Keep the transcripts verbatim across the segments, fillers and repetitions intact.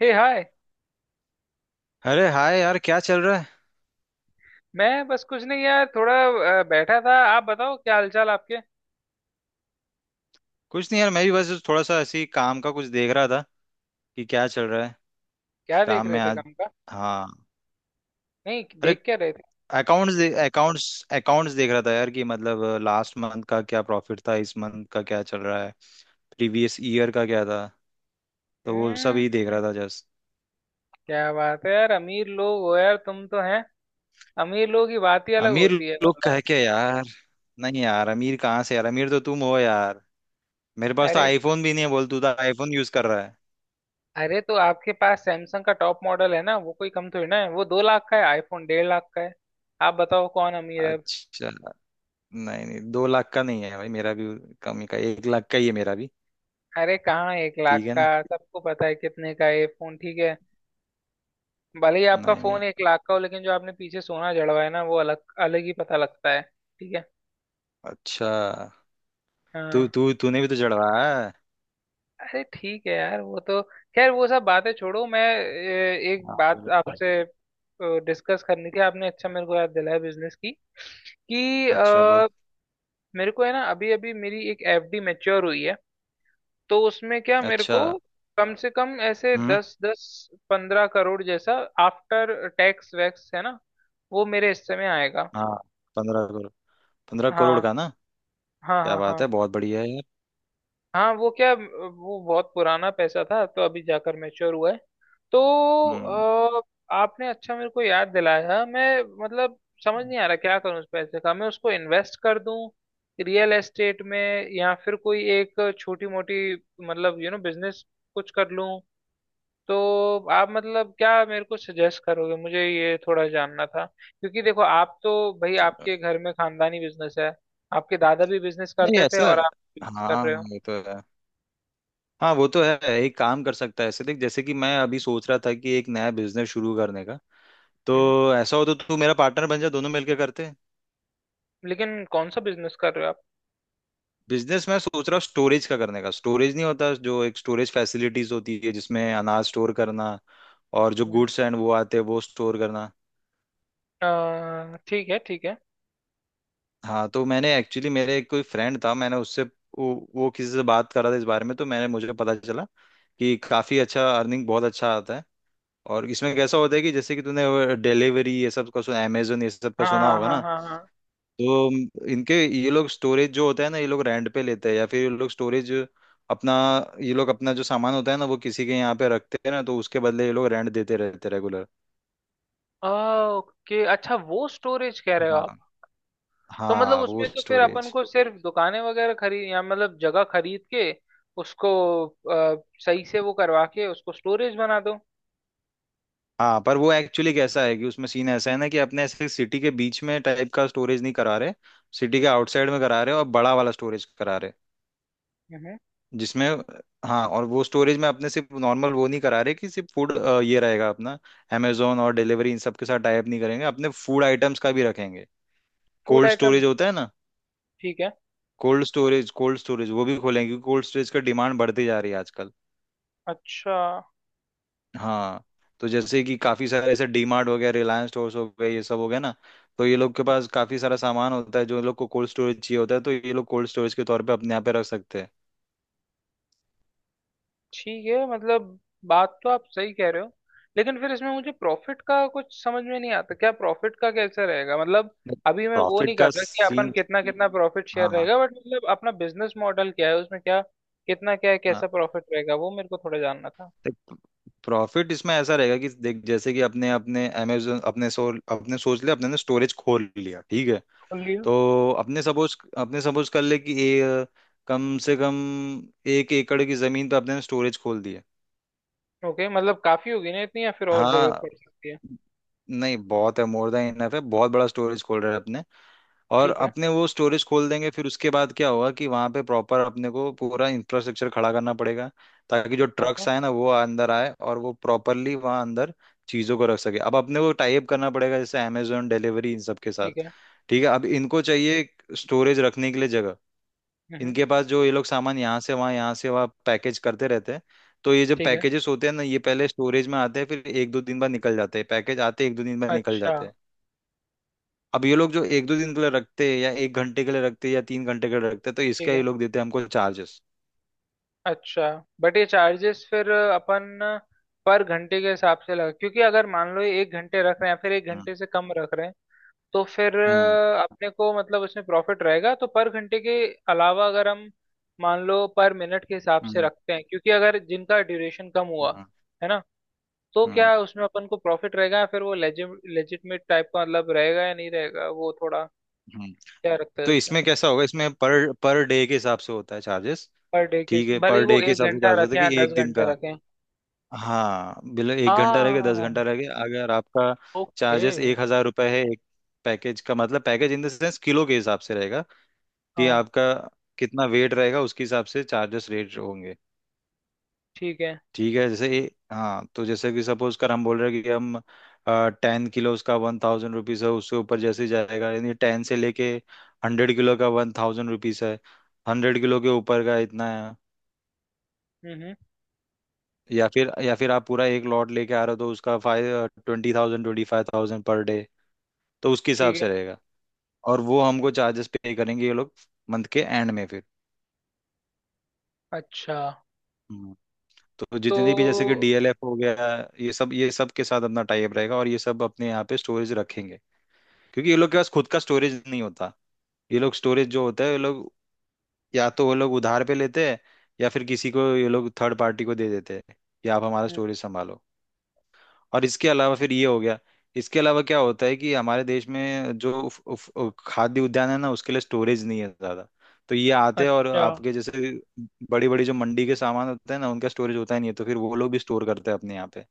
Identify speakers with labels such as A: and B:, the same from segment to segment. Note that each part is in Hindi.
A: हे हाय।
B: अरे हाय यार, क्या चल रहा है।
A: मैं बस कुछ नहीं यार थोड़ा अ, बैठा था। आप बताओ क्या हालचाल आपके।
B: कुछ नहीं यार, मैं भी बस थोड़ा सा ऐसे ही काम का कुछ देख रहा था कि क्या चल रहा है।
A: क्या देख
B: काम
A: रहे
B: में
A: थे
B: आज।
A: काम का।
B: हाँ।
A: नहीं
B: अरे
A: देख क्या रहे थे।
B: अकाउंट्स अकाउंट्स अकाउंट्स देख रहा था यार कि मतलब लास्ट मंथ का क्या प्रॉफिट था, इस मंथ का क्या चल रहा है, प्रीवियस ईयर का क्या था, तो वो सब
A: हम्म।
B: ही देख रहा था जस्ट।
A: क्या बात है यार, अमीर लोग हो यार तुम तो हैं। अमीर लोगों की बात ही अलग
B: अमीर
A: होती है
B: लोग कह
A: मतलब।
B: के यार, नहीं यार, अमीर कहाँ से यार, अमीर तो तुम हो यार। मेरे पास तो
A: अरे।
B: आईफोन भी नहीं है, बोल तू तो आईफोन यूज कर रहा है।
A: अरे तो आपके पास सैमसंग का टॉप मॉडल है ना, वो कोई कम थोड़ी ना है, वो दो लाख का है, आईफोन डेढ़ लाख का है। आप बताओ कौन अमीर है अब?
B: अच्छा, नहीं नहीं दो लाख का नहीं है भाई मेरा भी, कम ही का, एक लाख का ही है मेरा भी।
A: अरे कहाँ एक
B: ठीक
A: लाख
B: है
A: का,
B: ना।
A: सबको पता है कितने का है ये फोन, ठीक है। भले ही आपका
B: नहीं नहीं।
A: फोन एक लाख का हो, लेकिन जो आपने पीछे सोना जड़वा है ना, वो अलग अलग ही पता लगता है, ठीक है।
B: अच्छा, तू
A: हाँ।
B: तू तूने भी तो चढ़वाया है।
A: अरे ठीक है यार वो तो। खैर वो सब बातें छोड़ो, मैं ए, एक
B: हाँ
A: बात
B: बोलो।
A: आपसे डिस्कस करनी थी। आपने अच्छा मेरे को याद दिलाया बिजनेस की, कि
B: अच्छा बोल।
A: अ, मेरे को है ना, अभी अभी मेरी एक एफडी मैच्योर हुई है। तो उसमें क्या, मेरे
B: अच्छा।
A: को कम से कम ऐसे
B: हम्म।
A: दस दस पंद्रह करोड़ जैसा आफ्टर टैक्स वैक्स है ना वो मेरे हिस्से में आएगा।
B: हाँ। पंद्रह करोड़, पंद्रह करोड़
A: हाँ
B: का ना।
A: हाँ
B: क्या
A: हाँ
B: बात
A: हाँ।
B: है, बहुत बढ़िया है यार।
A: हाँ वो क्या, वो बहुत पुराना पैसा था तो अभी जाकर मैच्योर हुआ है। तो
B: हम्म।
A: अ, आपने अच्छा मेरे को याद दिलाया। मैं मतलब समझ नहीं आ रहा क्या करूँ उस पैसे का, मैं उसको इन्वेस्ट कर दूं रियल एस्टेट में, या फिर कोई एक छोटी मोटी मतलब यू नो बिजनेस कुछ कर लूं। तो आप मतलब क्या मेरे को सजेस्ट करोगे, मुझे ये थोड़ा जानना था क्योंकि देखो आप तो, भाई
B: चलो।
A: आपके घर में खानदानी बिजनेस है। आपके दादा भी बिजनेस
B: नहीं
A: करते थे
B: ऐसा।
A: और आप बिजनेस कर
B: हाँ
A: रहे हो।
B: ये तो है। हाँ वो तो है, एक काम कर सकता है, ऐसे देख जैसे कि मैं अभी सोच रहा था कि एक नया बिजनेस शुरू करने का,
A: हम्म।
B: तो ऐसा हो तो तू मेरा पार्टनर बन जा, दोनों मिलके करते हैं।
A: लेकिन कौन सा बिजनेस कर रहे हो आप।
B: बिजनेस मैं सोच रहा हूँ स्टोरेज का करने का। स्टोरेज नहीं होता, जो एक स्टोरेज फैसिलिटीज होती है जिसमें अनाज स्टोर करना और जो
A: हम्म।
B: गुड्स एंड वो आते हैं वो स्टोर करना।
A: अ, ठीक है ठीक है।
B: हाँ तो मैंने एक्चुअली, मेरे एक कोई फ्रेंड था, मैंने उससे वो, वो किसी से बात कर रहा था इस बारे में, तो मैंने मुझे पता चला कि काफी अच्छा अर्निंग बहुत अच्छा आता है। और इसमें कैसा होता है कि जैसे कि तूने डिलीवरी ये सब का सुना, अमेजोन ये सब का
A: हाँ
B: सुना
A: हाँ
B: होगा
A: हाँ
B: ना।
A: हाँ हाँ।
B: तो इनके, ये लोग स्टोरेज जो होता है ना ये लोग रेंट पे लेते हैं, या फिर ये लोग स्टोरेज अपना, ये लोग अपना जो सामान होता है ना वो किसी के यहाँ पे रखते हैं ना, तो उसके बदले ये लोग रेंट देते रहते रेगुलर।
A: आ, ओके अच्छा, वो स्टोरेज कह रहे हो आप।
B: हाँ।
A: तो मतलब
B: हाँ वो
A: उसमें तो फिर अपन
B: स्टोरेज।
A: को सिर्फ दुकानें वगैरह खरीद, या मतलब जगह खरीद के उसको अ, सही से वो करवा के उसको स्टोरेज बना दो।
B: हाँ पर वो एक्चुअली कैसा है कि उसमें सीन ऐसा है ना कि अपने ऐसे सिटी के बीच में टाइप का स्टोरेज नहीं करा रहे, सिटी के आउटसाइड में करा रहे और बड़ा वाला स्टोरेज करा रहे,
A: हम्म।
B: जिसमें, हाँ। और वो स्टोरेज में अपने सिर्फ नॉर्मल वो नहीं करा रहे कि सिर्फ फूड ये रहेगा अपना, अमेजोन और डिलीवरी इन सब के साथ टाई अप नहीं करेंगे, अपने फूड आइटम्स का भी रखेंगे।
A: फूड
B: कोल्ड स्टोरेज
A: आइटम्स,
B: होता है ना,
A: ठीक है।
B: कोल्ड स्टोरेज कोल्ड स्टोरेज वो भी खोलेंगे क्योंकि कोल्ड स्टोरेज का डिमांड बढ़ती जा रही है आजकल।
A: अच्छा।
B: हाँ। तो जैसे कि काफी सारे ऐसे डीमार्ट हो गया, रिलायंस स्टोर्स हो गए, ये सब हो गया ना, तो ये लोग के पास काफी सारा सामान होता है जो लोग को कोल्ड स्टोरेज चाहिए होता है, तो ये लोग कोल्ड स्टोरेज के तौर पे अपने यहाँ पे रख सकते हैं।
A: ठीक है मतलब बात तो आप सही कह रहे हो। लेकिन फिर इसमें मुझे प्रॉफिट का कुछ समझ में नहीं आता, क्या प्रॉफिट का कैसे रहेगा मतलब। अभी मैं वो
B: प्रॉफिट
A: नहीं कर
B: का
A: रहा कि अपन
B: सीन।
A: कितना कितना प्रॉफिट शेयर
B: हाँ।
A: रहेगा, बट मतलब अपना बिजनेस मॉडल क्या है, उसमें क्या कितना क्या है, कैसा
B: हाँ।
A: प्रॉफिट रहेगा, वो मेरे को थोड़ा जानना था।
B: प्रॉफिट इसमें ऐसा रहेगा कि देख, जैसे कि अपने अपने अमेजोन, अपने सो अपने सोच लिया, अपने ने स्टोरेज खोल लिया, ठीक है।
A: खोलिए।
B: तो अपने सपोज अपने सपोज कर ले कि ए, कम से कम एक एकड़ की जमीन पे अपने ने स्टोरेज खोल दी है।
A: ओके मतलब काफी होगी ना इतनी, या फिर और जरूरत
B: हाँ,
A: पड़ सकती है।
B: नहीं बहुत है, मोर देन इनफ है, बहुत बड़ा स्टोरेज खोल रहे हैं अपने। और
A: ठीक है।
B: अपने वो स्टोरेज खोल देंगे, फिर उसके बाद क्या होगा कि वहां पे प्रॉपर अपने को पूरा इंफ्रास्ट्रक्चर खड़ा करना पड़ेगा, ताकि जो
A: ओके।
B: ट्रक्स आए ना वो अंदर आए और वो प्रॉपरली वहां अंदर चीजों को रख सके। अब अपने को टाइप करना पड़ेगा जैसे अमेजोन डिलीवरी इन सब के साथ।
A: ठीक है।
B: ठीक है, अब इनको चाहिए स्टोरेज रखने के लिए जगह।
A: हम्म।
B: इनके पास जो, ये लोग सामान यहाँ से वहाँ, यहाँ से वहाँ पैकेज करते रहते हैं, तो ये जो
A: ठीक है।
B: पैकेजेस होते हैं ना ये पहले स्टोरेज में आते हैं फिर एक दो दिन बाद निकल जाते हैं, पैकेज आते हैं एक दो दिन बाद निकल
A: अच्छा।
B: जाते हैं। अब ये लोग जो एक दो दिन के लिए रखते हैं या एक घंटे के लिए रखते हैं या तीन घंटे के लिए रखते हैं, तो
A: ठीक
B: इसका ये
A: है।
B: लोग देते हैं हमको चार्जेस।
A: अच्छा। बट ये चार्जेस फिर अपन पर घंटे के हिसाब से लगा, क्योंकि अगर मान लो ये एक घंटे रख रहे हैं या फिर एक
B: हम्म।
A: घंटे से कम रख रहे हैं, तो फिर
B: हम्म।
A: अ, अपने को मतलब उसमें प्रॉफिट रहेगा, तो पर घंटे के अलावा अगर हम मान लो पर मिनट के हिसाब से
B: हम्म।
A: रखते हैं, क्योंकि अगर जिनका ड्यूरेशन कम हुआ
B: हम्म।
A: है ना, तो
B: हम्म।
A: क्या उसमें अपन को प्रॉफिट रहेगा या फिर वो लेजिटमेट टाइप का मतलब रहेगा या नहीं रहेगा, वो थोड़ा
B: हम्म।
A: क्या रखते हैं
B: तो
A: उसमें।
B: इसमें कैसा होगा, इसमें पर पर डे के हिसाब से होता है चार्जेस।
A: पर डे के,
B: ठीक है,
A: भले ही
B: पर
A: वो
B: डे के
A: एक
B: हिसाब से
A: घंटा
B: चार्ज होता
A: रखें
B: है
A: या
B: कि
A: दस
B: एक दिन का।
A: घंटे रखें।
B: हाँ, बिल एक घंटा रह गया, दस
A: आ।
B: घंटा रह गया, अगर आपका
A: ओके।
B: चार्जेस एक हजार रुपये है एक पैकेज का, मतलब package in the sense kilo के हिसाब से रहेगा कि
A: हाँ
B: आपका कितना वेट रहेगा, उसके हिसाब से चार्जेस रेट होंगे।
A: ठीक है।
B: ठीक है, जैसे ए, हाँ, तो जैसे कि सपोज कर हम बोल रहे हैं कि हम टेन किलो उसका वन थाउजेंड रुपीज़ है, उससे ऊपर जैसे ही जाएगा, यानी टेन से लेके हंड्रेड किलो का वन थाउजेंड रुपीज़ है, हंड्रेड किलो के ऊपर का इतना है।
A: हम्म।
B: या फिर या फिर आप पूरा एक लॉट लेके आ रहे हो, तो उसका five twenty thousand, twenty five thousand per day, तो उसके हिसाब
A: ठीक है।
B: से रहेगा। और वो हमको चार्जेस पे करेंगे ये लोग मंथ के एंड में फिर।
A: अच्छा।
B: हम्म। तो
A: तो
B: जितनी भी जैसे कि डीएलएफ हो गया, ये सब, ये सब के साथ अपना टाइप रहेगा और ये सब अपने यहाँ पे स्टोरेज रखेंगे, क्योंकि ये लोग के पास खुद का स्टोरेज नहीं होता। ये लोग स्टोरेज जो होता है, ये लोग या तो वो लोग उधार पे लेते हैं, या फिर किसी को ये लोग थर्ड पार्टी को दे देते हैं कि आप हमारा
A: हम्म,
B: स्टोरेज संभालो। और इसके अलावा फिर ये हो गया। इसके अलावा क्या होता है कि हमारे देश में जो उफ, उफ, उफ, खाद्य उद्यान है ना उसके लिए स्टोरेज नहीं है ज्यादा, तो ये आते हैं और
A: अच्छा,
B: आपके जैसे बड़ी बड़ी जो मंडी के सामान होते हैं ना उनका स्टोरेज होता ही नहीं है, तो फिर वो लोग भी स्टोर करते हैं अपने यहाँ पे,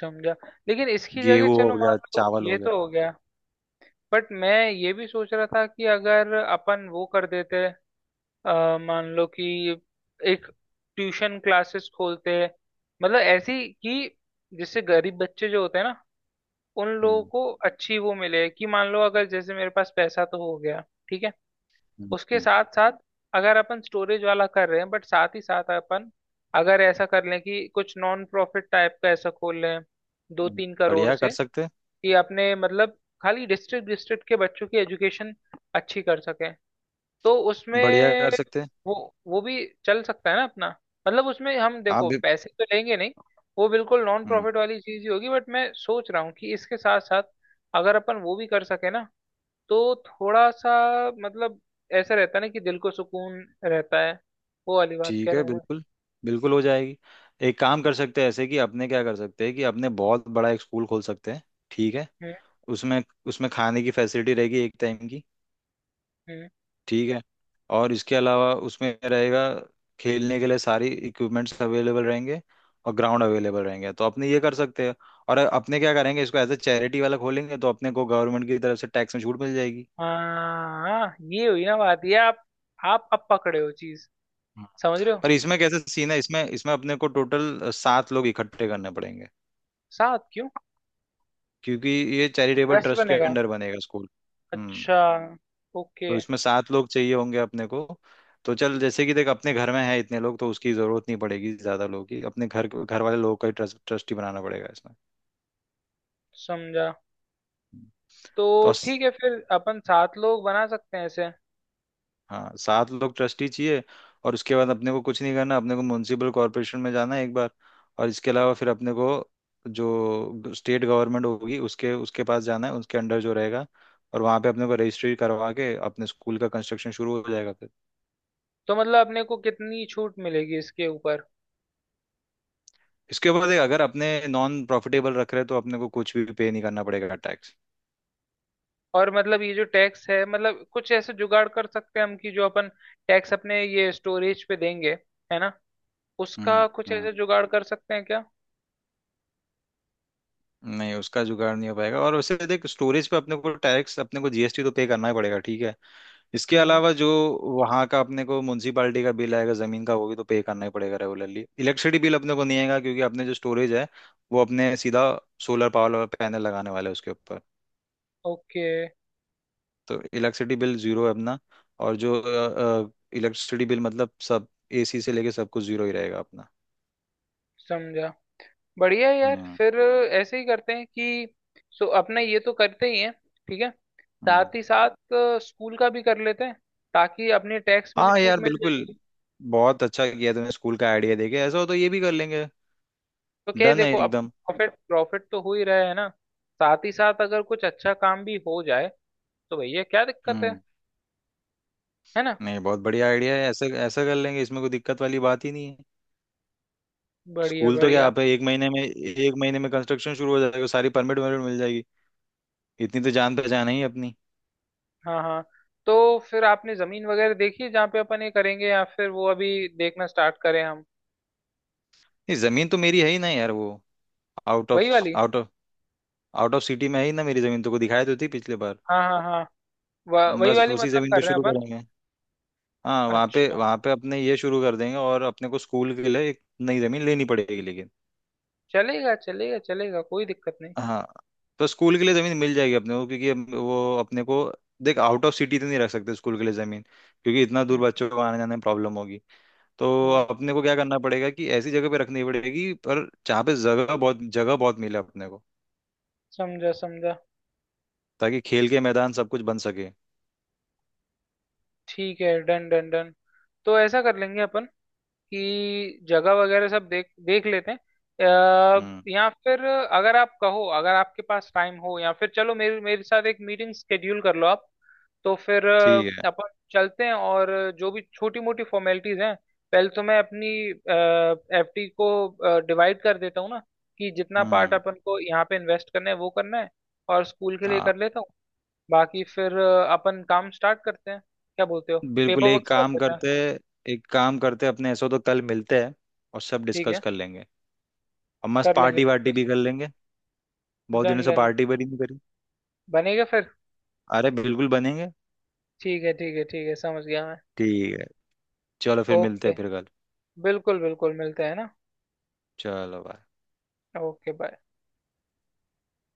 A: समझा। लेकिन इसकी जगह,
B: गेहूं हो
A: चलो मान
B: गया,
A: लो
B: चावल हो
A: ये
B: गया।
A: तो हो गया, बट मैं ये भी सोच रहा था कि अगर अपन वो कर देते, अ, मान लो कि एक ट्यूशन क्लासेस खोलते, मतलब ऐसी कि जिससे गरीब बच्चे जो होते हैं ना उन लोगों
B: हम्म।
A: को अच्छी वो मिले, कि मान लो अगर जैसे मेरे पास पैसा तो हो गया, ठीक है।
B: हम्म।
A: उसके
B: हम्म।
A: साथ साथ अगर अपन स्टोरेज वाला कर रहे हैं, बट साथ ही साथ अपन अगर ऐसा कर लें कि कुछ नॉन प्रॉफिट टाइप का ऐसा खोल लें दो
B: हम्म।
A: तीन करोड़
B: बढ़िया
A: से,
B: कर सकते हैं।
A: कि अपने मतलब खाली डिस्ट्रिक्ट डिस्ट्रिक्ट के बच्चों की एजुकेशन अच्छी कर सकें, तो
B: बढ़िया
A: उसमें
B: कर सकते हैं।
A: वो वो भी चल सकता है ना अपना। मतलब उसमें हम,
B: आप
A: देखो,
B: भी।
A: पैसे तो लेंगे नहीं, वो बिल्कुल नॉन
B: हम्म,
A: प्रॉफिट वाली चीज ही होगी, बट मैं सोच रहा हूँ कि इसके साथ साथ अगर अपन वो भी कर सके ना तो थोड़ा सा मतलब ऐसा रहता है ना कि दिल को सुकून रहता है, वो वाली बात
B: ठीक
A: कह
B: है,
A: रहा हूँ मैं।
B: बिल्कुल बिल्कुल हो जाएगी। एक काम कर सकते हैं ऐसे, कि अपने क्या कर सकते हैं कि अपने बहुत बड़ा एक स्कूल खोल सकते हैं, ठीक है।
A: हम्म
B: उसमें, उसमें खाने की फैसिलिटी रहेगी एक टाइम की,
A: हम्म।
B: ठीक है। और इसके अलावा उसमें रहेगा खेलने के लिए सारी इक्विपमेंट्स अवेलेबल रहेंगे, और ग्राउंड अवेलेबल रहेंगे, तो अपने ये कर सकते हैं। और अपने क्या करेंगे, इसको एज ए चैरिटी वाला खोलेंगे तो अपने को गवर्नमेंट की तरफ से टैक्स में छूट मिल जाएगी।
A: हाँ, ये हुई ना बात, ये आप आप अब पकड़े हो चीज।
B: हम्म।
A: समझ रहे हो।
B: पर इसमें कैसे सीन है, इसमें इसमें अपने को टोटल सात लोग इकट्ठे करने पड़ेंगे,
A: साथ क्यों।
B: क्योंकि ये चैरिटेबल
A: ट्रस्ट
B: ट्रस्ट के
A: बनेगा।
B: अंडर बनेगा स्कूल। हम्म।
A: अच्छा। ओके।
B: तो इसमें सात लोग चाहिए होंगे अपने को, तो चल जैसे कि देख अपने घर में है इतने लोग तो उसकी जरूरत नहीं पड़ेगी ज्यादा लोगों की, अपने घर, घर वाले लोगों का ही ट्रस्ट, ट्रस्टी बनाना पड़ेगा इसमें।
A: समझा।
B: हम्म।
A: तो
B: तो अस-
A: ठीक है, फिर अपन सात लोग बना सकते हैं ऐसे।
B: हाँ, सात लोग ट्रस्टी चाहिए, और उसके बाद अपने को कुछ नहीं करना, अपने को म्यूनसिपल कॉरपोरेशन में जाना है एक बार, और इसके अलावा फिर अपने को जो स्टेट गवर्नमेंट होगी उसके उसके पास जाना है, उसके अंडर जो रहेगा, और वहाँ पे अपने को रजिस्ट्री करवा के अपने स्कूल का कंस्ट्रक्शन शुरू हो जाएगा।
A: तो मतलब अपने को कितनी छूट मिलेगी इसके ऊपर।
B: इसके ऊपर देख, अगर अपने नॉन प्रॉफिटेबल रख रहे हैं तो अपने को कुछ भी पे नहीं करना पड़ेगा टैक्स।
A: और मतलब ये जो टैक्स है, मतलब कुछ ऐसे जुगाड़ कर सकते हैं हम, कि जो अपन टैक्स अपने ये स्टोरेज पे देंगे है ना,
B: हम्म।
A: उसका कुछ
B: हम्म।
A: ऐसे जुगाड़ कर सकते हैं क्या।
B: नहीं, उसका जुगाड़ नहीं हो पाएगा, और वैसे देख स्टोरेज पे अपने को टैक्स, अपने को जीएसटी तो पे करना ही पड़ेगा, ठीक है। इसके
A: हम्म।
B: अलावा जो वहाँ का अपने को म्यूनसिपालिटी का बिल आएगा जमीन का, वो भी तो पे करना ही पड़ेगा रेगुलरली। इलेक्ट्रिसिटी बिल अपने को नहीं आएगा क्योंकि अपने जो स्टोरेज है वो अपने सीधा सोलर पावर पैनल लगाने वाले हैं उसके ऊपर।
A: ओके
B: तो इलेक्ट्रिसिटी बिल जीरो है अपना। और जो इलेक्ट्रिसिटी बिल, मतलब सब एसी से लेके सब कुछ जीरो ही रहेगा अपना।
A: समझा। बढ़िया है यार, फिर ऐसे ही करते हैं, कि सो अपने ये तो करते ही हैं ठीक है।
B: हाँ।
A: साथ ही साथ स्कूल का भी कर लेते हैं, ताकि अपने टैक्स में भी
B: हाँ
A: छूट
B: यार
A: मिल
B: बिल्कुल,
A: जाएगी।
B: बहुत अच्छा किया तुमने स्कूल का आइडिया देके, ऐसा हो तो ये भी कर लेंगे।
A: तो क्या है,
B: डन है
A: देखो अब
B: एकदम।
A: प्रॉफिट प्रॉफिट तो हो ही रहा है ना, साथ ही साथ अगर कुछ अच्छा काम भी हो जाए, तो भैया क्या दिक्कत है
B: हम्म।
A: है ना।
B: नहीं बहुत बढ़िया आइडिया है, ऐसा ऐसा कर लेंगे, इसमें कोई दिक्कत वाली बात ही नहीं है।
A: बढ़िया
B: स्कूल तो क्या,
A: बढ़िया।
B: आप एक महीने में एक महीने में कंस्ट्रक्शन शुरू हो जाएगा, सारी परमिट वर्मिट मिल जाएगी, इतनी तो जान पहचान है ही अपनी।
A: हाँ हाँ। तो फिर आपने जमीन वगैरह देखी है जहाँ पे अपन ये करेंगे, या फिर वो अभी देखना स्टार्ट करें हम।
B: नहीं जमीन तो मेरी है ही ना यार वो, आउट ऑफ
A: वही वाली।
B: Out of out of city में है ही ना मेरी जमीन, तो को दिखाई तो थी पिछले बार।
A: हाँ हाँ हाँ। व- वही
B: बस
A: वाली
B: उसी
A: मतलब
B: जमीन पे
A: कर रहे हैं
B: शुरू
A: अपन।
B: करेंगे। हाँ वहाँ पे
A: अच्छा।
B: वहाँ पे अपने ये शुरू कर देंगे, और अपने को स्कूल के लिए एक नई जमीन लेनी पड़ेगी लेकिन।
A: चलेगा चलेगा चलेगा, कोई दिक्कत नहीं।
B: हाँ। तो स्कूल के लिए जमीन मिल जाएगी अपने को, क्योंकि अब वो अपने को, देख आउट ऑफ सिटी तो नहीं रख सकते स्कूल के लिए जमीन क्योंकि इतना दूर
A: हम्म।
B: बच्चों को आने जाने में प्रॉब्लम होगी। तो
A: हम्म,
B: अपने को क्या करना पड़ेगा कि ऐसी जगह पे रखनी पड़ेगी पर जहाँ पे जगह बहुत, जगह बहुत मिले अपने को,
A: समझा समझा।
B: ताकि खेल के मैदान सब कुछ बन सके।
A: ठीक है, डन डन डन। तो ऐसा कर लेंगे अपन, कि जगह वगैरह सब देख देख लेते हैं। अ,
B: हम्म।
A: या फिर अगर आप कहो, अगर आपके पास टाइम हो या फिर, चलो मेरे मेरे साथ एक मीटिंग स्केड्यूल कर लो आप। तो फिर अ,
B: ठीक है।
A: अपन चलते हैं और जो भी छोटी मोटी फॉर्मेलिटीज हैं, पहले तो मैं अपनी एफडी को डिवाइड कर देता हूँ ना, कि जितना पार्ट
B: हम्म।
A: अपन को यहाँ पे इन्वेस्ट करना है वो करना है, और स्कूल के लिए
B: हाँ
A: कर लेता हूँ। बाकी फिर अ, अपन काम स्टार्ट करते हैं, क्या बोलते हो। पेपर
B: बिल्कुल।
A: वर्क
B: एक
A: कर
B: काम
A: लेते हैं।
B: करते एक काम करते अपने, ऐसा हो तो कल मिलते हैं और सब
A: ठीक
B: डिस्कस
A: है।
B: कर लेंगे, और मस्त
A: कर लेंगे
B: पार्टी वार्टी
A: डिस्कस।
B: भी कर लेंगे, बहुत दिनों
A: डन
B: से
A: डन।
B: पार्टी बड़ी नहीं करी।
A: बनेगा फिर।
B: अरे बिल्कुल बनेंगे।
A: ठीक है ठीक है ठीक है, समझ गया मैं।
B: ठीक है, चलो फिर मिलते
A: ओके।
B: हैं फिर कल।
A: बिल्कुल बिल्कुल मिलते हैं ना।
B: चलो बाय।
A: Okay bye.